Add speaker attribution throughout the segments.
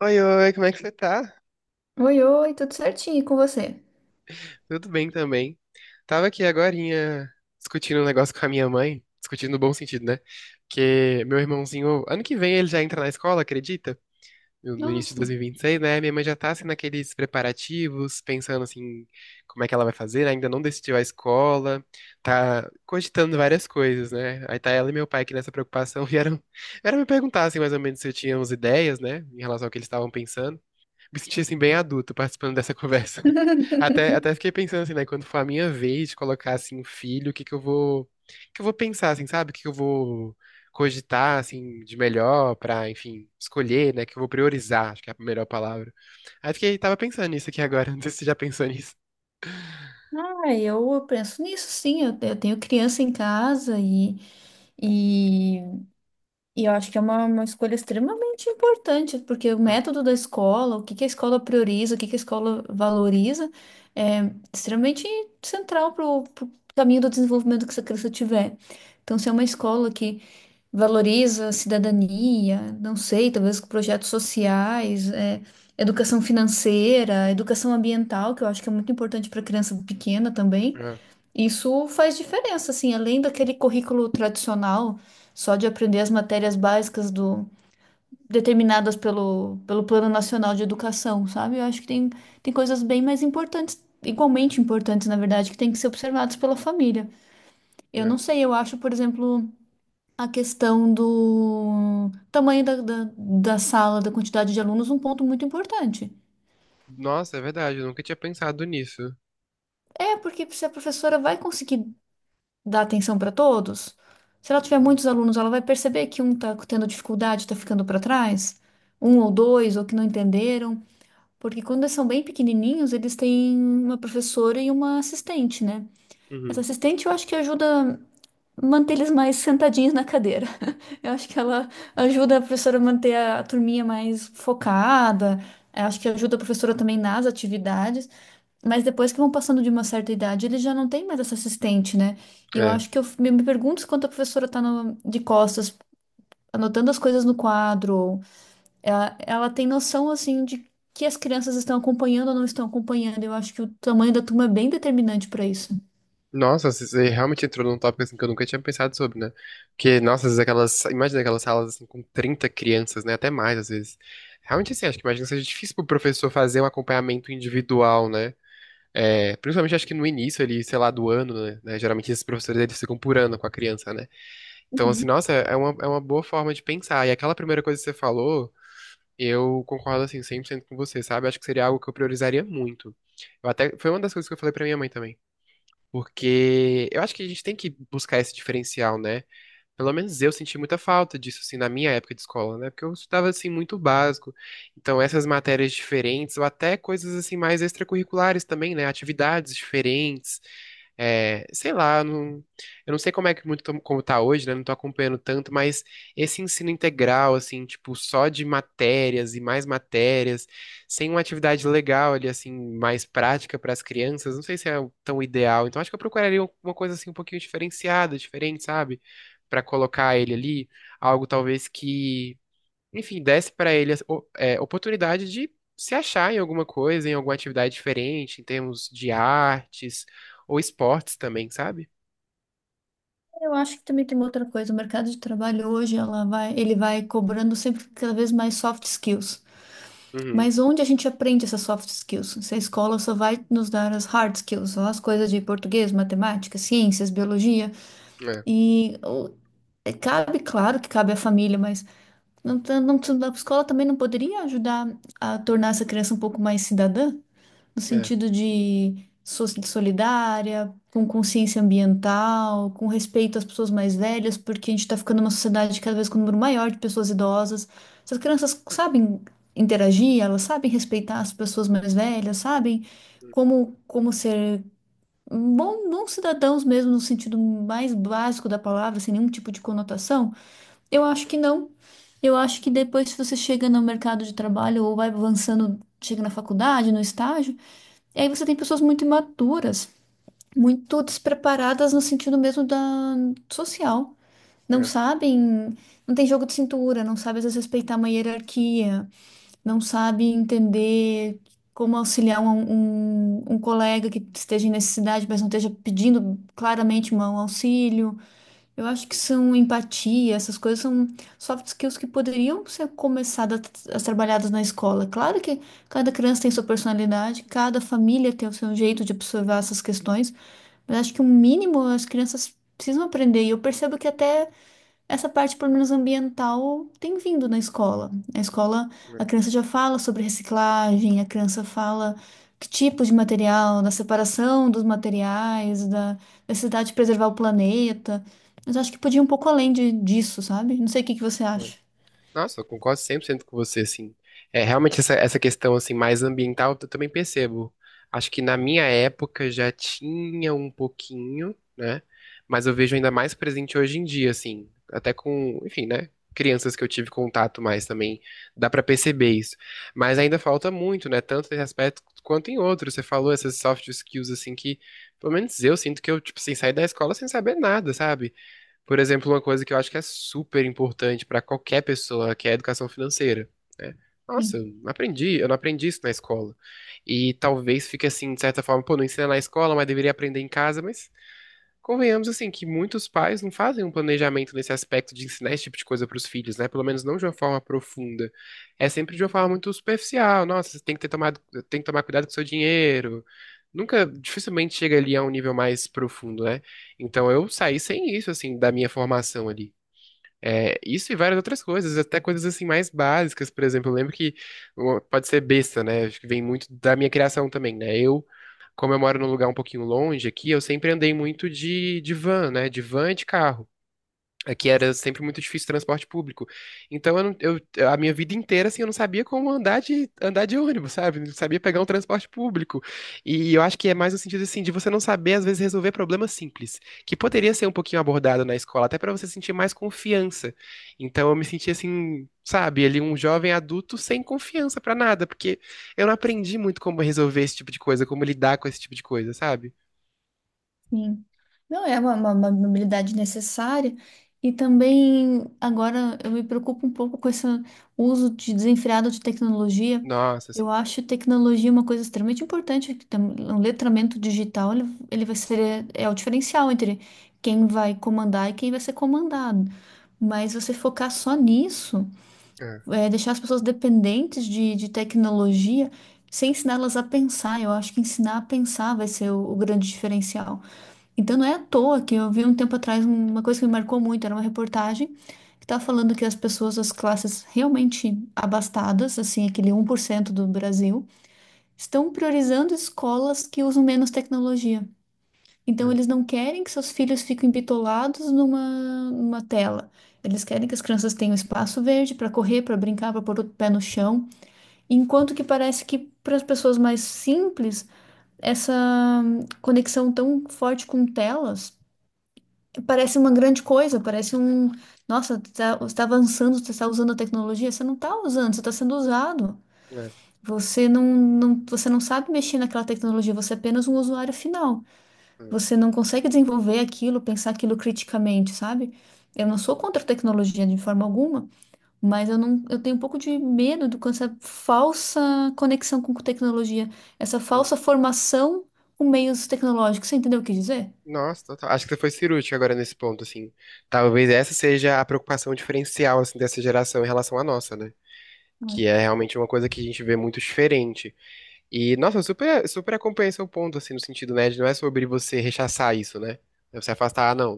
Speaker 1: Oi, oi, como é que você tá?
Speaker 2: Oi, oi, tudo certinho e com você?
Speaker 1: Tudo bem também. Tava aqui agorinha discutindo um negócio com a minha mãe, discutindo no bom sentido, né? Porque meu irmãozinho, ano que vem ele já entra na escola, acredita? No início de
Speaker 2: Nossa.
Speaker 1: 2026, né? Minha mãe já tá assim naqueles preparativos, pensando assim, como é que ela vai fazer, né? Ainda não decidiu a escola, tá cogitando várias coisas, né? Aí tá ela e meu pai que nessa preocupação vieram, vieram me perguntar assim mais ou menos se eu tinha umas ideias, né? Em relação ao que eles estavam pensando. Me senti assim bem adulto participando dessa conversa. Até, até fiquei pensando assim, né, quando for a minha vez de colocar assim um filho, o que que eu vou, o que eu vou pensar assim, sabe? O que que eu vou cogitar assim de melhor pra, enfim, escolher, né, que eu vou priorizar, acho que é a melhor palavra. Aí fiquei tava pensando nisso aqui agora, não sei se você já pensou nisso.
Speaker 2: Ah, eu penso nisso, sim. Eu tenho criança em casa e, e eu acho que é uma escolha extremamente importante, porque o
Speaker 1: Ah,
Speaker 2: método da escola, o que que a escola prioriza, o que que a escola valoriza, é extremamente central para o caminho do desenvolvimento que essa criança tiver. Então, se é uma escola que valoriza a cidadania, não sei, talvez com projetos sociais, educação financeira, educação ambiental, que eu acho que é muito importante para criança pequena também.
Speaker 1: ah,
Speaker 2: Isso faz diferença, assim, além daquele currículo tradicional, só de aprender as matérias básicas do determinadas pelo, pelo Plano Nacional de Educação, sabe? Eu acho que tem coisas bem mais importantes, igualmente importantes, na verdade, que têm que ser observadas pela família. Eu
Speaker 1: ah.
Speaker 2: não sei, eu acho, por exemplo, a questão do tamanho da sala, da quantidade de alunos, um ponto muito importante.
Speaker 1: Nossa, é verdade, eu nunca tinha pensado nisso.
Speaker 2: É, porque se a professora vai conseguir dar atenção para todos, se ela tiver muitos alunos, ela vai perceber que um está tendo dificuldade, está ficando para trás, um ou dois, ou que não entenderam. Porque quando eles são bem pequenininhos, eles têm uma professora e uma assistente, né? Essa
Speaker 1: Uhum.
Speaker 2: assistente eu acho que ajuda. Manter eles mais sentadinhos na cadeira. Eu acho que ela ajuda a professora a manter a turminha mais focada, eu acho que ajuda a professora também nas atividades, mas depois que vão passando de uma certa idade, eles já não têm mais essa assistente, né? E eu
Speaker 1: É.
Speaker 2: acho que me pergunto se quando a professora está de costas, anotando as coisas no quadro, ou ela tem noção, assim, de que as crianças estão acompanhando ou não estão acompanhando. Eu acho que o tamanho da turma é bem determinante para isso.
Speaker 1: Nossa, você realmente entrou num tópico assim que eu nunca tinha pensado sobre, né? Porque, nossa, às vezes aquelas. Imagina aquelas salas assim com 30 crianças, né? Até mais, às vezes. Realmente, assim, acho que imagina que seja difícil pro professor fazer um acompanhamento individual, né? É, principalmente acho que no início ali, sei lá, do ano, né? Geralmente esses professores eles ficam por ano com a criança, né? Então, assim,
Speaker 2: Uhum.
Speaker 1: nossa, é uma boa forma de pensar. E aquela primeira coisa que você falou, eu concordo, assim, 100 por cento com você, sabe? Acho que seria algo que eu priorizaria muito. Eu até, foi uma das coisas que eu falei pra minha mãe também. Porque eu acho que a gente tem que buscar esse diferencial, né? Pelo menos eu senti muita falta disso, assim, na minha época de escola, né? Porque eu estudava, assim, muito básico. Então, essas matérias diferentes, ou até coisas, assim, mais extracurriculares também, né? Atividades diferentes. É, sei lá, não, eu não sei como é que como tá hoje, né? Não tô acompanhando tanto, mas esse ensino integral, assim, tipo, só de matérias e mais matérias, sem uma atividade legal ali, assim, mais prática para as crianças, não sei se é tão ideal. Então, acho que eu procuraria uma coisa assim um pouquinho diferenciada, diferente, sabe? Para colocar ele ali, algo talvez que, enfim, desse para ele oportunidade de se achar em alguma coisa, em alguma atividade diferente, em termos de artes ou esportes também, sabe?
Speaker 2: Eu acho que também tem uma outra coisa. O mercado de trabalho hoje, ele vai cobrando sempre cada vez mais soft skills.
Speaker 1: Uhum.
Speaker 2: Mas onde a gente aprende essas soft skills? Se a escola só vai nos dar as hard skills, só as coisas de português, matemática, ciências, biologia.
Speaker 1: É,
Speaker 2: E o- cabe, claro que cabe à família, mas não, tá- não, tá- a escola também não poderia ajudar a tornar essa criança um pouco mais cidadã, no
Speaker 1: é,
Speaker 2: sentido de solidária, com consciência ambiental, com respeito às pessoas mais velhas, porque a gente está ficando uma sociedade cada vez com um número maior de pessoas idosas. Essas crianças sabem interagir, elas sabem respeitar as pessoas mais velhas, sabem
Speaker 1: hum,
Speaker 2: como, como ser bom, bons cidadãos mesmo, no sentido mais básico da palavra, sem nenhum tipo de conotação. Eu acho que não. Eu acho que depois, se você chega no mercado de trabalho ou vai avançando, chega na faculdade, no estágio, e aí você tem pessoas muito imaturas, muito despreparadas no sentido mesmo da social. Não
Speaker 1: é,
Speaker 2: sabem, não tem jogo de cintura, não sabem às vezes respeitar uma hierarquia, não sabem entender como auxiliar um colega que esteja em necessidade, mas não esteja pedindo claramente um auxílio. Eu acho que
Speaker 1: hum,
Speaker 2: são empatia, essas coisas são soft skills que poderiam ser começadas a trabalhadas na escola. Claro que cada criança tem sua personalidade, cada família tem o seu jeito de observar essas questões, mas acho que o mínimo as crianças precisam aprender. E eu percebo que até essa parte, pelo menos ambiental, tem vindo na escola. Na escola, a
Speaker 1: é.
Speaker 2: criança já fala sobre reciclagem, a criança fala que tipo de material, da separação dos materiais, da necessidade de preservar o planeta. Mas eu acho que podia ir um pouco além de, disso, sabe? Não sei o que que você
Speaker 1: É.
Speaker 2: acha.
Speaker 1: Nossa, eu concordo 100 por cento com você, assim. É, realmente essa questão, assim, mais ambiental, eu também percebo. Acho que na minha época já tinha um pouquinho, né? Mas eu vejo ainda mais presente hoje em dia, assim. Até com, enfim, né? Crianças que eu tive contato mais também, dá pra perceber isso. Mas ainda falta muito, né? Tanto nesse aspecto quanto em outros. Você falou essas soft skills, assim, que pelo menos eu sinto que eu, tipo, assim, saí da escola sem saber nada, sabe? Por exemplo, uma coisa que eu acho que é super importante para qualquer pessoa, que é a educação financeira. Né? Nossa, eu não aprendi isso na escola. E talvez fique assim, de certa forma, pô, não ensina na escola, mas deveria aprender em casa, mas convenhamos, assim, que muitos pais não fazem um planejamento nesse aspecto de ensinar esse tipo de coisa para os filhos, né? Pelo menos não de uma forma profunda. É sempre de uma forma muito superficial. Nossa, você tem que ter tomado, tem que tomar cuidado com o seu dinheiro. Nunca, dificilmente chega ali a um nível mais profundo, né? Então eu saí sem isso, assim, da minha formação ali. É, isso e várias outras coisas, até coisas, assim, mais básicas. Por exemplo, eu lembro que pode ser besta, né? Acho que vem muito da minha criação também, né? Eu como eu moro num lugar um pouquinho longe aqui, eu sempre andei muito de van, né? De van e de carro. Aqui era sempre muito difícil transporte público. Então, eu, não- eu- a minha vida inteira, assim, eu não sabia como andar de ônibus, sabe? Não sabia pegar um transporte público. E eu acho que é mais no sentido, assim, de você não saber, às vezes, resolver problemas simples, que poderia ser um pouquinho abordado na escola, até para você sentir mais confiança. Então, eu me senti, assim, sabe, ali um jovem adulto sem confiança para nada, porque eu não aprendi muito como resolver esse tipo de coisa, como lidar com esse tipo de coisa, sabe?
Speaker 2: Sim. Não é uma habilidade necessária. E também agora eu me preocupo um pouco com esse uso de desenfreado de tecnologia.
Speaker 1: Nossa,
Speaker 2: Eu
Speaker 1: assim.
Speaker 2: acho tecnologia uma coisa extremamente importante. O letramento digital ele vai ser é o diferencial entre quem vai comandar e quem vai ser comandado. Mas você focar só nisso,
Speaker 1: É,
Speaker 2: deixar as pessoas dependentes de tecnologia, sem ensiná-las a pensar. Eu acho que ensinar a pensar vai ser o grande diferencial. Então não é à toa que eu vi um tempo atrás uma coisa que me marcou muito, era uma reportagem que estava falando que as pessoas das classes realmente abastadas, assim, aquele 1% do Brasil, estão priorizando escolas que usam menos tecnologia. Então
Speaker 1: é,
Speaker 2: eles não querem que seus filhos fiquem bitolados numa, numa tela. Eles querem que as crianças tenham espaço verde para correr, para brincar, para pôr o pé no chão. Enquanto que parece que para as pessoas mais simples, essa conexão tão forte com telas parece uma grande coisa, parece um. Nossa, você está avançando, você está usando a tecnologia, você não está usando, você está sendo usado.
Speaker 1: é,
Speaker 2: Você não sabe mexer naquela tecnologia, você é apenas um usuário final.
Speaker 1: é.
Speaker 2: Você não consegue desenvolver aquilo, pensar aquilo criticamente, sabe? Eu não sou contra a tecnologia de forma alguma, mas eu não, eu tenho um pouco de medo do com essa falsa conexão com tecnologia, essa
Speaker 1: Sim.
Speaker 2: falsa formação com meios tecnológicos. Você entendeu o que dizer?
Speaker 1: Nossa, total. Acho que você foi cirúrgico agora nesse ponto, assim. Talvez essa seja a preocupação diferencial, assim, dessa geração em relação à nossa, né? Que é realmente uma coisa que a gente vê muito diferente. E, nossa, eu super, super acompanho seu ponto, assim, no sentido, né, de não é sobre você rechaçar isso, né? É. Você afastar, ah, não,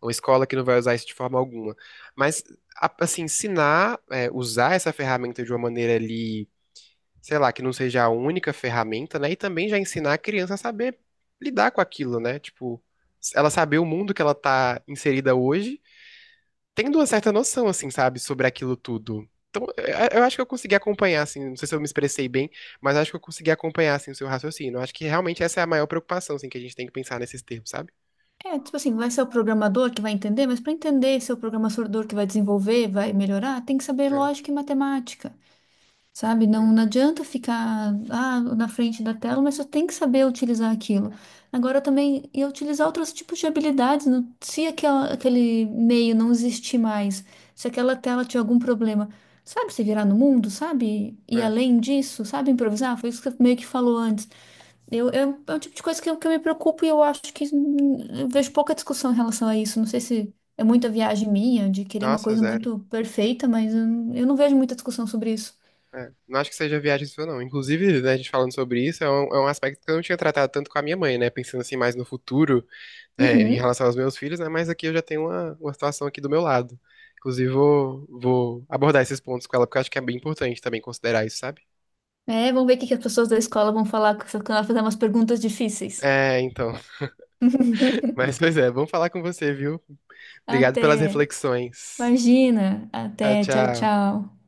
Speaker 1: é uma escola que não vai usar isso de forma alguma. Mas, assim, ensinar, é, usar essa ferramenta de uma maneira ali, sei lá, que não seja a única ferramenta, né? E também já ensinar a criança a saber lidar com aquilo, né? Tipo, ela saber o mundo que ela tá inserida hoje tendo uma certa noção, assim, sabe, sobre aquilo tudo. Então, eu acho que eu consegui acompanhar, assim, não sei se eu me expressei bem, mas acho que eu consegui acompanhar, assim, o seu raciocínio. Eu acho que realmente essa é a maior preocupação, assim, que a gente tem que pensar nesses termos, sabe?
Speaker 2: É, tipo assim, vai ser o programador que vai entender, mas para entender se é o programador que vai desenvolver, vai melhorar, tem que saber
Speaker 1: É,
Speaker 2: lógica e matemática, sabe? Não,
Speaker 1: é,
Speaker 2: não adianta ficar na frente da tela, mas só tem que saber utilizar aquilo. Agora também, e utilizar outros tipos de habilidades, se aquele meio não existir mais, se aquela tela tiver algum problema, sabe se virar no mundo, sabe? E
Speaker 1: é.
Speaker 2: além disso, sabe improvisar? Foi isso que você meio que falou antes. É um tipo de coisa que eu me preocupo e eu acho que eu vejo pouca discussão em relação a isso. Não sei se é muita viagem minha de querer uma
Speaker 1: Nossa,
Speaker 2: coisa
Speaker 1: zero.
Speaker 2: muito perfeita, mas eu não vejo muita discussão sobre isso.
Speaker 1: É. Não acho que seja viagem sua, não. Inclusive, né, a gente falando sobre isso, é um aspecto que eu não tinha tratado tanto com a minha mãe, né? Pensando, assim, mais no futuro, é, em
Speaker 2: Uhum.
Speaker 1: relação aos meus filhos, né? Mas aqui eu já tenho uma situação aqui do meu lado. Inclusive, vou abordar esses pontos com ela, porque eu acho que é bem importante também considerar isso, sabe?
Speaker 2: É, vamos ver o que que as pessoas da escola vão falar quando ela fazer umas perguntas difíceis.
Speaker 1: É, então. Mas, pois é, vamos falar com você, viu? Obrigado pelas
Speaker 2: Até.
Speaker 1: reflexões.
Speaker 2: Imagina.
Speaker 1: Tchau,
Speaker 2: Até. Tchau,
Speaker 1: tchau.
Speaker 2: tchau.